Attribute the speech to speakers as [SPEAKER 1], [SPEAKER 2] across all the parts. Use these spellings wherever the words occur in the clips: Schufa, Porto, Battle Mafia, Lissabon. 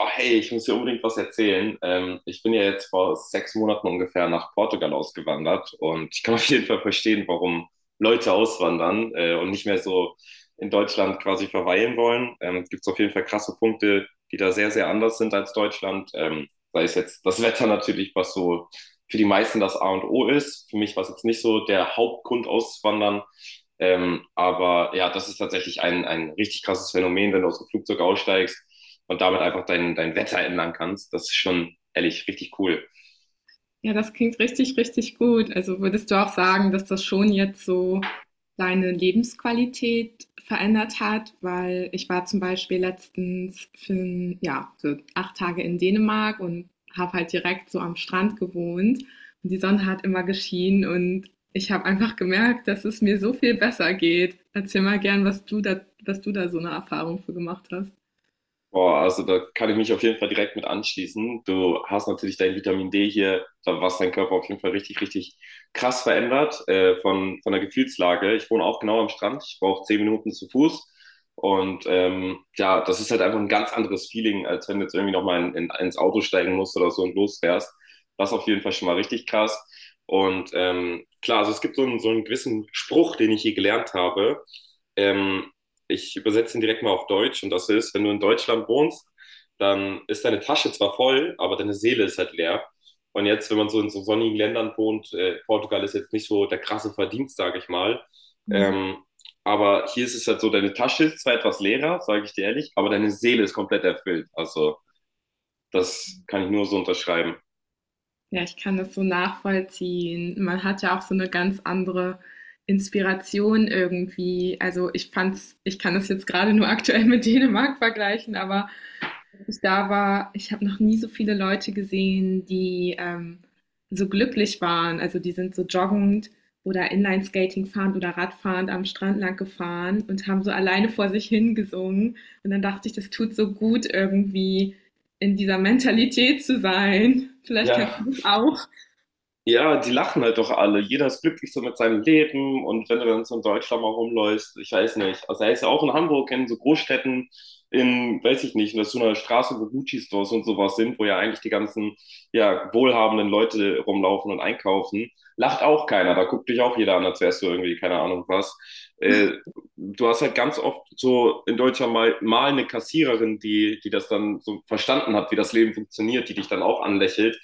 [SPEAKER 1] Oh, hey, ich muss dir unbedingt was erzählen. Ich bin ja jetzt vor 6 Monaten ungefähr nach Portugal ausgewandert und ich kann auf jeden Fall verstehen, warum Leute auswandern und nicht mehr so in Deutschland quasi verweilen wollen. Es gibt auf jeden Fall krasse Punkte, die da sehr, sehr anders sind als Deutschland. Sei es jetzt das Wetter natürlich, was so für die meisten das A und O ist. Für mich war es jetzt nicht so der Hauptgrund auszuwandern, aber ja, das ist tatsächlich ein richtig krasses Phänomen, wenn du aus dem Flugzeug aussteigst und damit einfach dein Wetter ändern kannst. Das ist schon ehrlich richtig cool.
[SPEAKER 2] Ja, das klingt richtig, richtig gut. Also würdest du auch sagen, dass das schon jetzt so deine Lebensqualität verändert hat? Weil ich war zum Beispiel letztens ja, für 8 Tage in Dänemark und habe halt direkt so am Strand gewohnt und die Sonne hat immer geschienen und ich habe einfach gemerkt, dass es mir so viel besser geht. Erzähl mal gern, was du da so eine Erfahrung für gemacht hast.
[SPEAKER 1] Boah, also da kann ich mich auf jeden Fall direkt mit anschließen. Du hast natürlich dein Vitamin D hier, was dein Körper auf jeden Fall richtig, richtig krass verändert, von der Gefühlslage. Ich wohne auch genau am Strand, ich brauche 10 Minuten zu Fuß. Und ja, das ist halt einfach ein ganz anderes Feeling, als wenn du jetzt irgendwie nochmal ins Auto steigen musst oder so und losfährst. Das auf jeden Fall schon mal richtig krass. Und klar, also es gibt so einen gewissen Spruch, den ich hier gelernt habe. Ähm, ich übersetze ihn direkt mal auf Deutsch und das ist, wenn du in Deutschland wohnst, dann ist deine Tasche zwar voll, aber deine Seele ist halt leer. Und jetzt, wenn man so in so sonnigen Ländern wohnt, Portugal ist jetzt nicht so der krasse Verdienst, sage ich mal. Ähm, aber hier ist es halt so, deine Tasche ist zwar etwas leerer, sage ich dir ehrlich, aber deine Seele ist komplett erfüllt. Also das kann ich nur so unterschreiben.
[SPEAKER 2] Ja, ich kann das so nachvollziehen. Man hat ja auch so eine ganz andere Inspiration irgendwie. Also, ich kann das jetzt gerade nur aktuell mit Dänemark vergleichen, aber als ich da war, ich habe noch nie so viele Leute gesehen, so glücklich waren. Also, die sind so joggend oder Inline-Skating fahrend oder radfahrend am Strand lang gefahren und haben so alleine vor sich hin gesungen. Und dann dachte ich, das tut so gut, irgendwie in dieser Mentalität zu sein. Vielleicht
[SPEAKER 1] Ja,
[SPEAKER 2] kennst du das auch.
[SPEAKER 1] ja, die lachen halt doch alle. Jeder ist glücklich so mit seinem Leben. Und wenn du dann so in Deutschland mal rumläufst, ich weiß nicht. Also, er ist ja auch in Hamburg, in so Großstädten, in, weiß ich nicht, in so einer Straße, wo Gucci-Stores und sowas sind, wo ja eigentlich die ganzen, ja, wohlhabenden Leute rumlaufen und einkaufen. Lacht auch keiner. Da guckt dich auch jeder an, als wärst du irgendwie, keine Ahnung was. Äh, du hast halt ganz oft so in Deutschland mal eine Kassiererin, die das dann so verstanden hat, wie das Leben funktioniert, die dich dann auch anlächelt,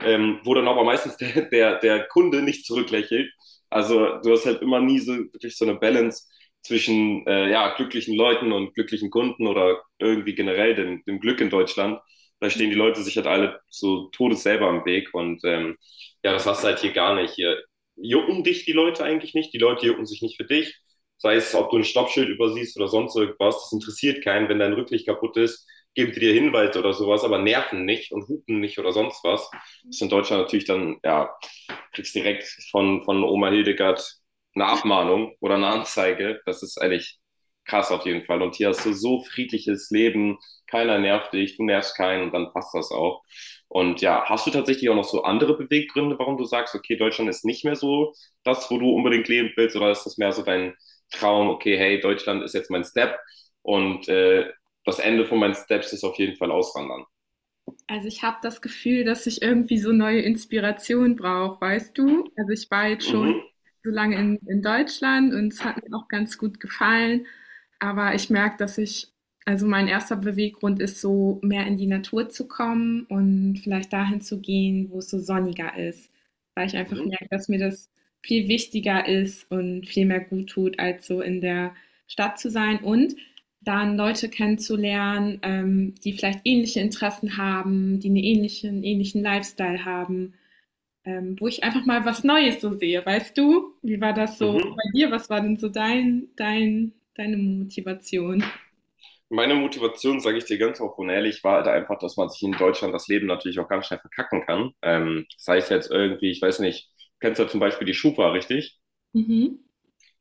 [SPEAKER 1] wo dann aber meistens der Kunde nicht zurücklächelt. Also du hast halt immer nie so wirklich so eine Balance zwischen ja, glücklichen Leuten und glücklichen Kunden oder irgendwie generell dem Glück in Deutschland. Da stehen die Leute sich halt alle so todes selber am Weg und ja, das hast du halt hier gar nicht. Hier jucken dich die Leute eigentlich nicht, die Leute jucken sich nicht für dich. Sei es, ob du ein Stoppschild übersiehst oder sonst irgendwas, das interessiert keinen. Wenn dein Rücklicht kaputt ist, geben die dir Hinweise oder sowas, aber nerven nicht und hupen nicht oder sonst was. Das ist in Deutschland natürlich dann, ja, kriegst direkt von Oma Hildegard eine Abmahnung oder eine Anzeige. Das ist eigentlich krass auf jeden Fall. Und hier hast du so friedliches Leben, keiner nervt dich, du nervst keinen und dann passt das auch. Und ja, hast du tatsächlich auch noch so andere Beweggründe, warum du sagst, okay, Deutschland ist nicht mehr so das, wo du unbedingt leben willst, oder ist das mehr so dein Traum, okay, hey, Deutschland ist jetzt mein Step und das Ende von meinen Steps ist auf jeden Fall auswandern.
[SPEAKER 2] Also ich habe das Gefühl, dass ich irgendwie so neue Inspiration brauche, weißt du? Also ich war jetzt schon
[SPEAKER 1] Mhm.
[SPEAKER 2] so lange in Deutschland und es hat mir auch ganz gut gefallen, aber ich merke, also mein erster Beweggrund ist so, mehr in die Natur zu kommen und vielleicht dahin zu gehen, wo es so sonniger ist, weil ich einfach
[SPEAKER 1] Mhm.
[SPEAKER 2] merke, dass mir das viel wichtiger ist und viel mehr gut tut, als so in der Stadt zu sein. Und dann Leute kennenzulernen, die vielleicht ähnliche Interessen haben, die einen ähnlichen Lifestyle haben, wo ich einfach mal was Neues so sehe, weißt du? Wie war das so
[SPEAKER 1] Mhm.
[SPEAKER 2] bei dir? Was war denn so deine Motivation?
[SPEAKER 1] Meine Motivation, sage ich dir ganz offen und ehrlich, war halt einfach, dass man sich in Deutschland das Leben natürlich auch ganz schnell verkacken kann. Das heißt jetzt irgendwie, ich weiß nicht, du kennst ja zum Beispiel die Schufa, richtig?
[SPEAKER 2] Mhm.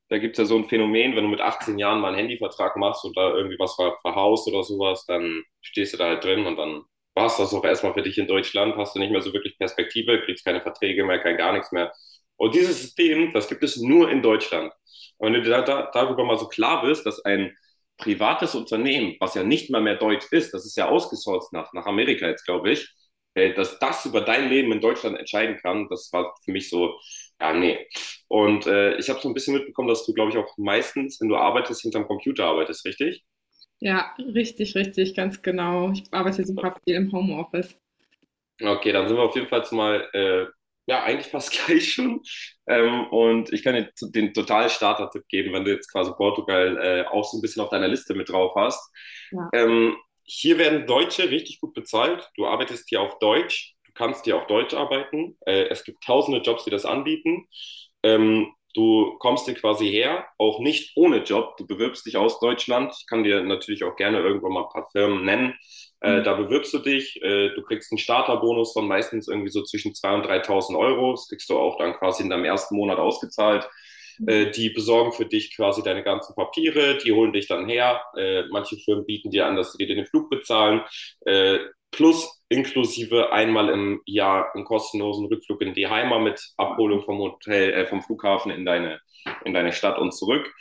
[SPEAKER 1] Da gibt es ja so ein Phänomen, wenn du mit 18 Jahren mal einen Handyvertrag machst und da irgendwie was verhaust oder sowas, dann stehst du da halt drin und dann war es das auch erstmal für dich in Deutschland, hast du nicht mehr so wirklich Perspektive, kriegst keine Verträge mehr, kein gar nichts mehr. Und dieses System, das gibt es nur in Deutschland. Und wenn du darüber mal so klar bist, dass ein privates Unternehmen, was ja nicht mal mehr deutsch ist, das ist ja ausgesourcet nach Amerika jetzt, glaube ich, dass das über dein Leben in Deutschland entscheiden kann, das war für mich so, ja, nee, und ich habe so ein bisschen mitbekommen, dass du, glaube ich, auch meistens, wenn du arbeitest, hinterm Computer arbeitest, richtig?
[SPEAKER 2] Ja, richtig, richtig, ganz genau. Ich arbeite super viel im Homeoffice.
[SPEAKER 1] Okay, dann sind wir auf jeden Fall mal, ja, eigentlich fast gleich schon. Und ich kann dir den totalen Starter-Tipp geben, wenn du jetzt quasi Portugal auch so ein bisschen auf deiner Liste mit drauf hast.
[SPEAKER 2] Ja.
[SPEAKER 1] Ähm, hier werden Deutsche richtig gut bezahlt. Du arbeitest hier auf Deutsch. Du kannst hier auf Deutsch arbeiten. Es gibt tausende Jobs, die das anbieten. Du kommst hier quasi her, auch nicht ohne Job. Du bewirbst dich aus Deutschland. Ich kann dir natürlich auch gerne irgendwann mal ein paar Firmen nennen, da bewirbst du dich, du kriegst einen Starterbonus von meistens irgendwie so zwischen 2.000 und 3.000 Euro. Das kriegst du auch dann quasi in deinem ersten Monat ausgezahlt.
[SPEAKER 2] Mhm.
[SPEAKER 1] Die besorgen für dich quasi deine ganzen Papiere, die holen dich dann her. Manche Firmen bieten dir an, dass sie dir den Flug bezahlen. Äh, plus inklusive einmal im Jahr einen kostenlosen Rückflug in die Heimat mit Abholung vom Hotel, vom Flughafen in deine Stadt und zurück.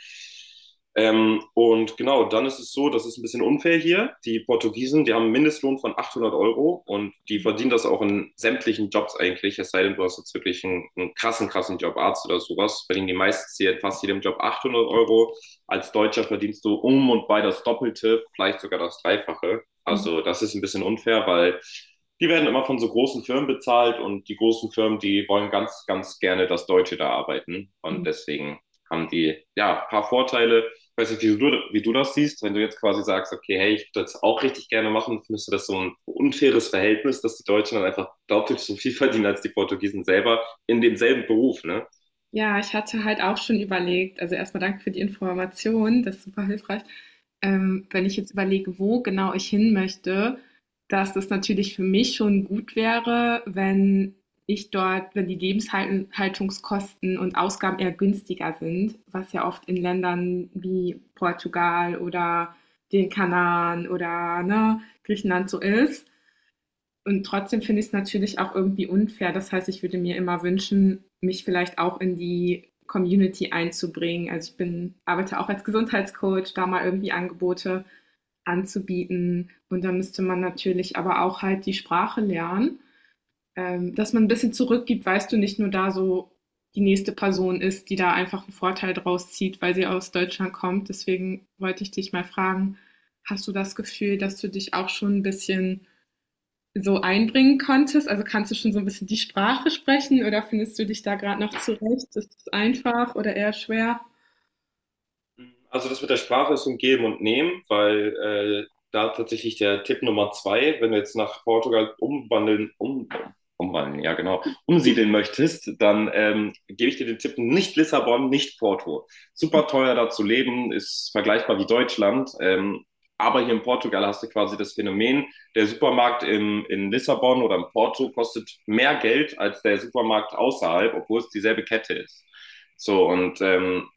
[SPEAKER 1] Und genau, dann ist es so, das ist ein bisschen unfair hier. Die Portugiesen, die haben einen Mindestlohn von 800 € und die verdienen das auch in sämtlichen Jobs eigentlich. Es sei denn, du hast jetzt wirklich einen krassen, krassen Job, Arzt oder sowas, verdienen die meistens hier fast jedem Job 800 Euro. Als Deutscher verdienst du um und bei das Doppelte, vielleicht sogar das Dreifache. Also das ist ein bisschen unfair, weil die werden immer von so großen Firmen bezahlt und die großen Firmen, die wollen ganz, ganz gerne, dass Deutsche da arbeiten. Und deswegen haben die ja ein paar Vorteile. Ich weiß nicht, wie du das siehst, wenn du jetzt quasi sagst, okay, hey, ich würde das auch richtig gerne machen, findest du das so ein unfaires Verhältnis, dass die Deutschen dann einfach deutlich so viel verdienen als die Portugiesen selber in demselben Beruf, ne?
[SPEAKER 2] Ja, ich hatte halt auch schon überlegt, also erstmal danke für die Information, das ist super hilfreich. Wenn ich jetzt überlege, wo genau ich hin möchte, dass das natürlich für mich schon gut wäre, wenn wenn die Lebenshaltungskosten und Ausgaben eher günstiger sind, was ja oft in Ländern wie Portugal oder den Kanaren oder ne, Griechenland so ist. Und trotzdem finde ich es natürlich auch irgendwie unfair. Das heißt, ich würde mir immer wünschen, mich vielleicht auch in die Community einzubringen. Also arbeite auch als Gesundheitscoach, da mal irgendwie Angebote anzubieten. Und da müsste man natürlich aber auch halt die Sprache lernen, dass man ein bisschen zurückgibt, weißt du, nicht nur da so die nächste Person ist, die da einfach einen Vorteil draus zieht, weil sie aus Deutschland kommt. Deswegen wollte ich dich mal fragen, hast du das Gefühl, dass du dich auch schon ein bisschen so einbringen konntest? Also kannst du schon so ein bisschen die Sprache sprechen oder findest du dich da gerade noch zurecht? Ist es einfach oder eher schwer?
[SPEAKER 1] Also das mit der Sprache ist so ein Geben und Nehmen, weil da tatsächlich der Tipp Nummer zwei, wenn du jetzt nach Portugal umwandeln, umwandeln, ja genau, umsiedeln möchtest, dann gebe ich dir den Tipp nicht Lissabon, nicht Porto. Super teuer da zu leben, ist vergleichbar wie Deutschland. Aber hier in Portugal hast du quasi das Phänomen, der Supermarkt in Lissabon oder in Porto kostet mehr Geld als der Supermarkt außerhalb, obwohl es dieselbe Kette ist. So, und ähm,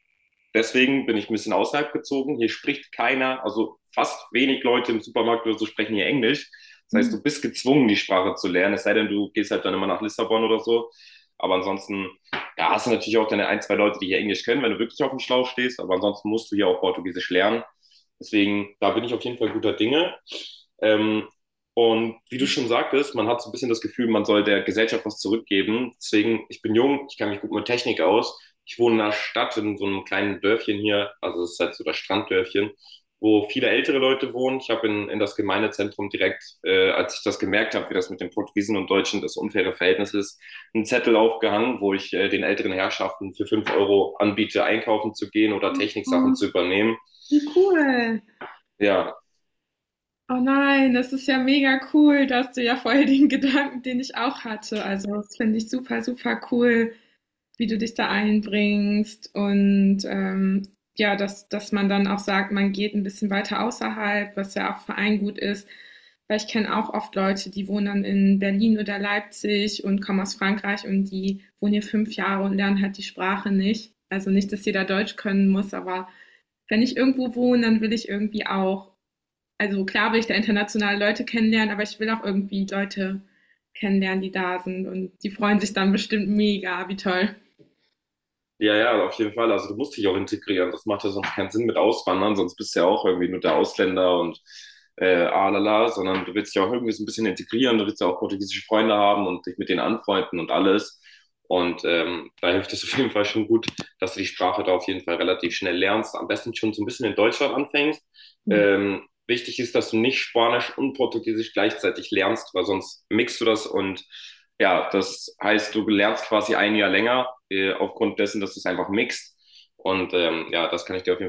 [SPEAKER 1] Deswegen bin ich ein bisschen außerhalb gezogen. Hier spricht keiner, also fast wenig Leute im Supermarkt oder so sprechen hier Englisch. Das heißt, du bist gezwungen, die Sprache zu lernen, es sei denn, du gehst halt dann immer nach Lissabon oder so. Aber ansonsten, ja, hast du natürlich auch deine ein, zwei Leute, die hier Englisch können, wenn du wirklich auf dem Schlauch stehst. Aber ansonsten musst du hier auch Portugiesisch lernen. Deswegen, da bin ich auf jeden Fall guter Dinge. Ähm, und wie du schon sagtest, man hat so ein bisschen das Gefühl, man soll der Gesellschaft was zurückgeben. Deswegen, ich bin jung, ich kann mich gut mit Technik aus. Ich wohne in einer Stadt, in so einem kleinen Dörfchen hier, also es ist halt so das Stranddörfchen, wo viele ältere Leute wohnen. Ich habe in das Gemeindezentrum direkt, als ich das gemerkt habe, wie das mit den Portugiesen und Deutschen das unfaire Verhältnis ist, einen Zettel aufgehangen, wo ich den älteren Herrschaften für 5 € anbiete, einkaufen zu gehen oder Techniksachen
[SPEAKER 2] Oh,
[SPEAKER 1] zu übernehmen.
[SPEAKER 2] wie cool.
[SPEAKER 1] Ja,
[SPEAKER 2] Oh nein, das ist ja mega cool. Da hast du ja voll den Gedanken, den ich auch hatte. Also das finde ich super, super cool. Wie du dich da einbringst und ja, dass man dann auch sagt, man geht ein bisschen weiter außerhalb, was ja auch für einen gut ist. Weil ich kenne auch oft Leute, die wohnen dann in Berlin oder Leipzig und kommen aus Frankreich und die wohnen hier 5 Jahre und lernen halt die Sprache nicht. Also nicht, dass jeder Deutsch können muss, aber wenn ich irgendwo wohne, dann will ich irgendwie auch, also klar will ich da internationale Leute kennenlernen, aber ich will auch irgendwie Leute kennenlernen, die da sind und die freuen sich dann bestimmt mega, wie toll.
[SPEAKER 1] ja, ja, auf jeden Fall. Also du musst dich auch integrieren. Das macht ja sonst keinen Sinn mit Auswandern, sonst bist du ja auch irgendwie nur der Ausländer und alala, sondern du willst dich auch irgendwie so ein bisschen integrieren, du willst ja auch portugiesische Freunde haben und dich mit denen anfreunden und alles. Und da hilft es auf jeden Fall schon gut, dass du die Sprache da auf jeden Fall relativ schnell lernst. Am besten schon so ein bisschen in Deutschland anfängst. Ähm, wichtig ist, dass du nicht Spanisch und Portugiesisch gleichzeitig lernst, weil sonst mixt du das und ja, das heißt, du lernst quasi ein Jahr länger aufgrund dessen, dass du es einfach mixt. Und ja, das kann ich dir auf jeden Fall.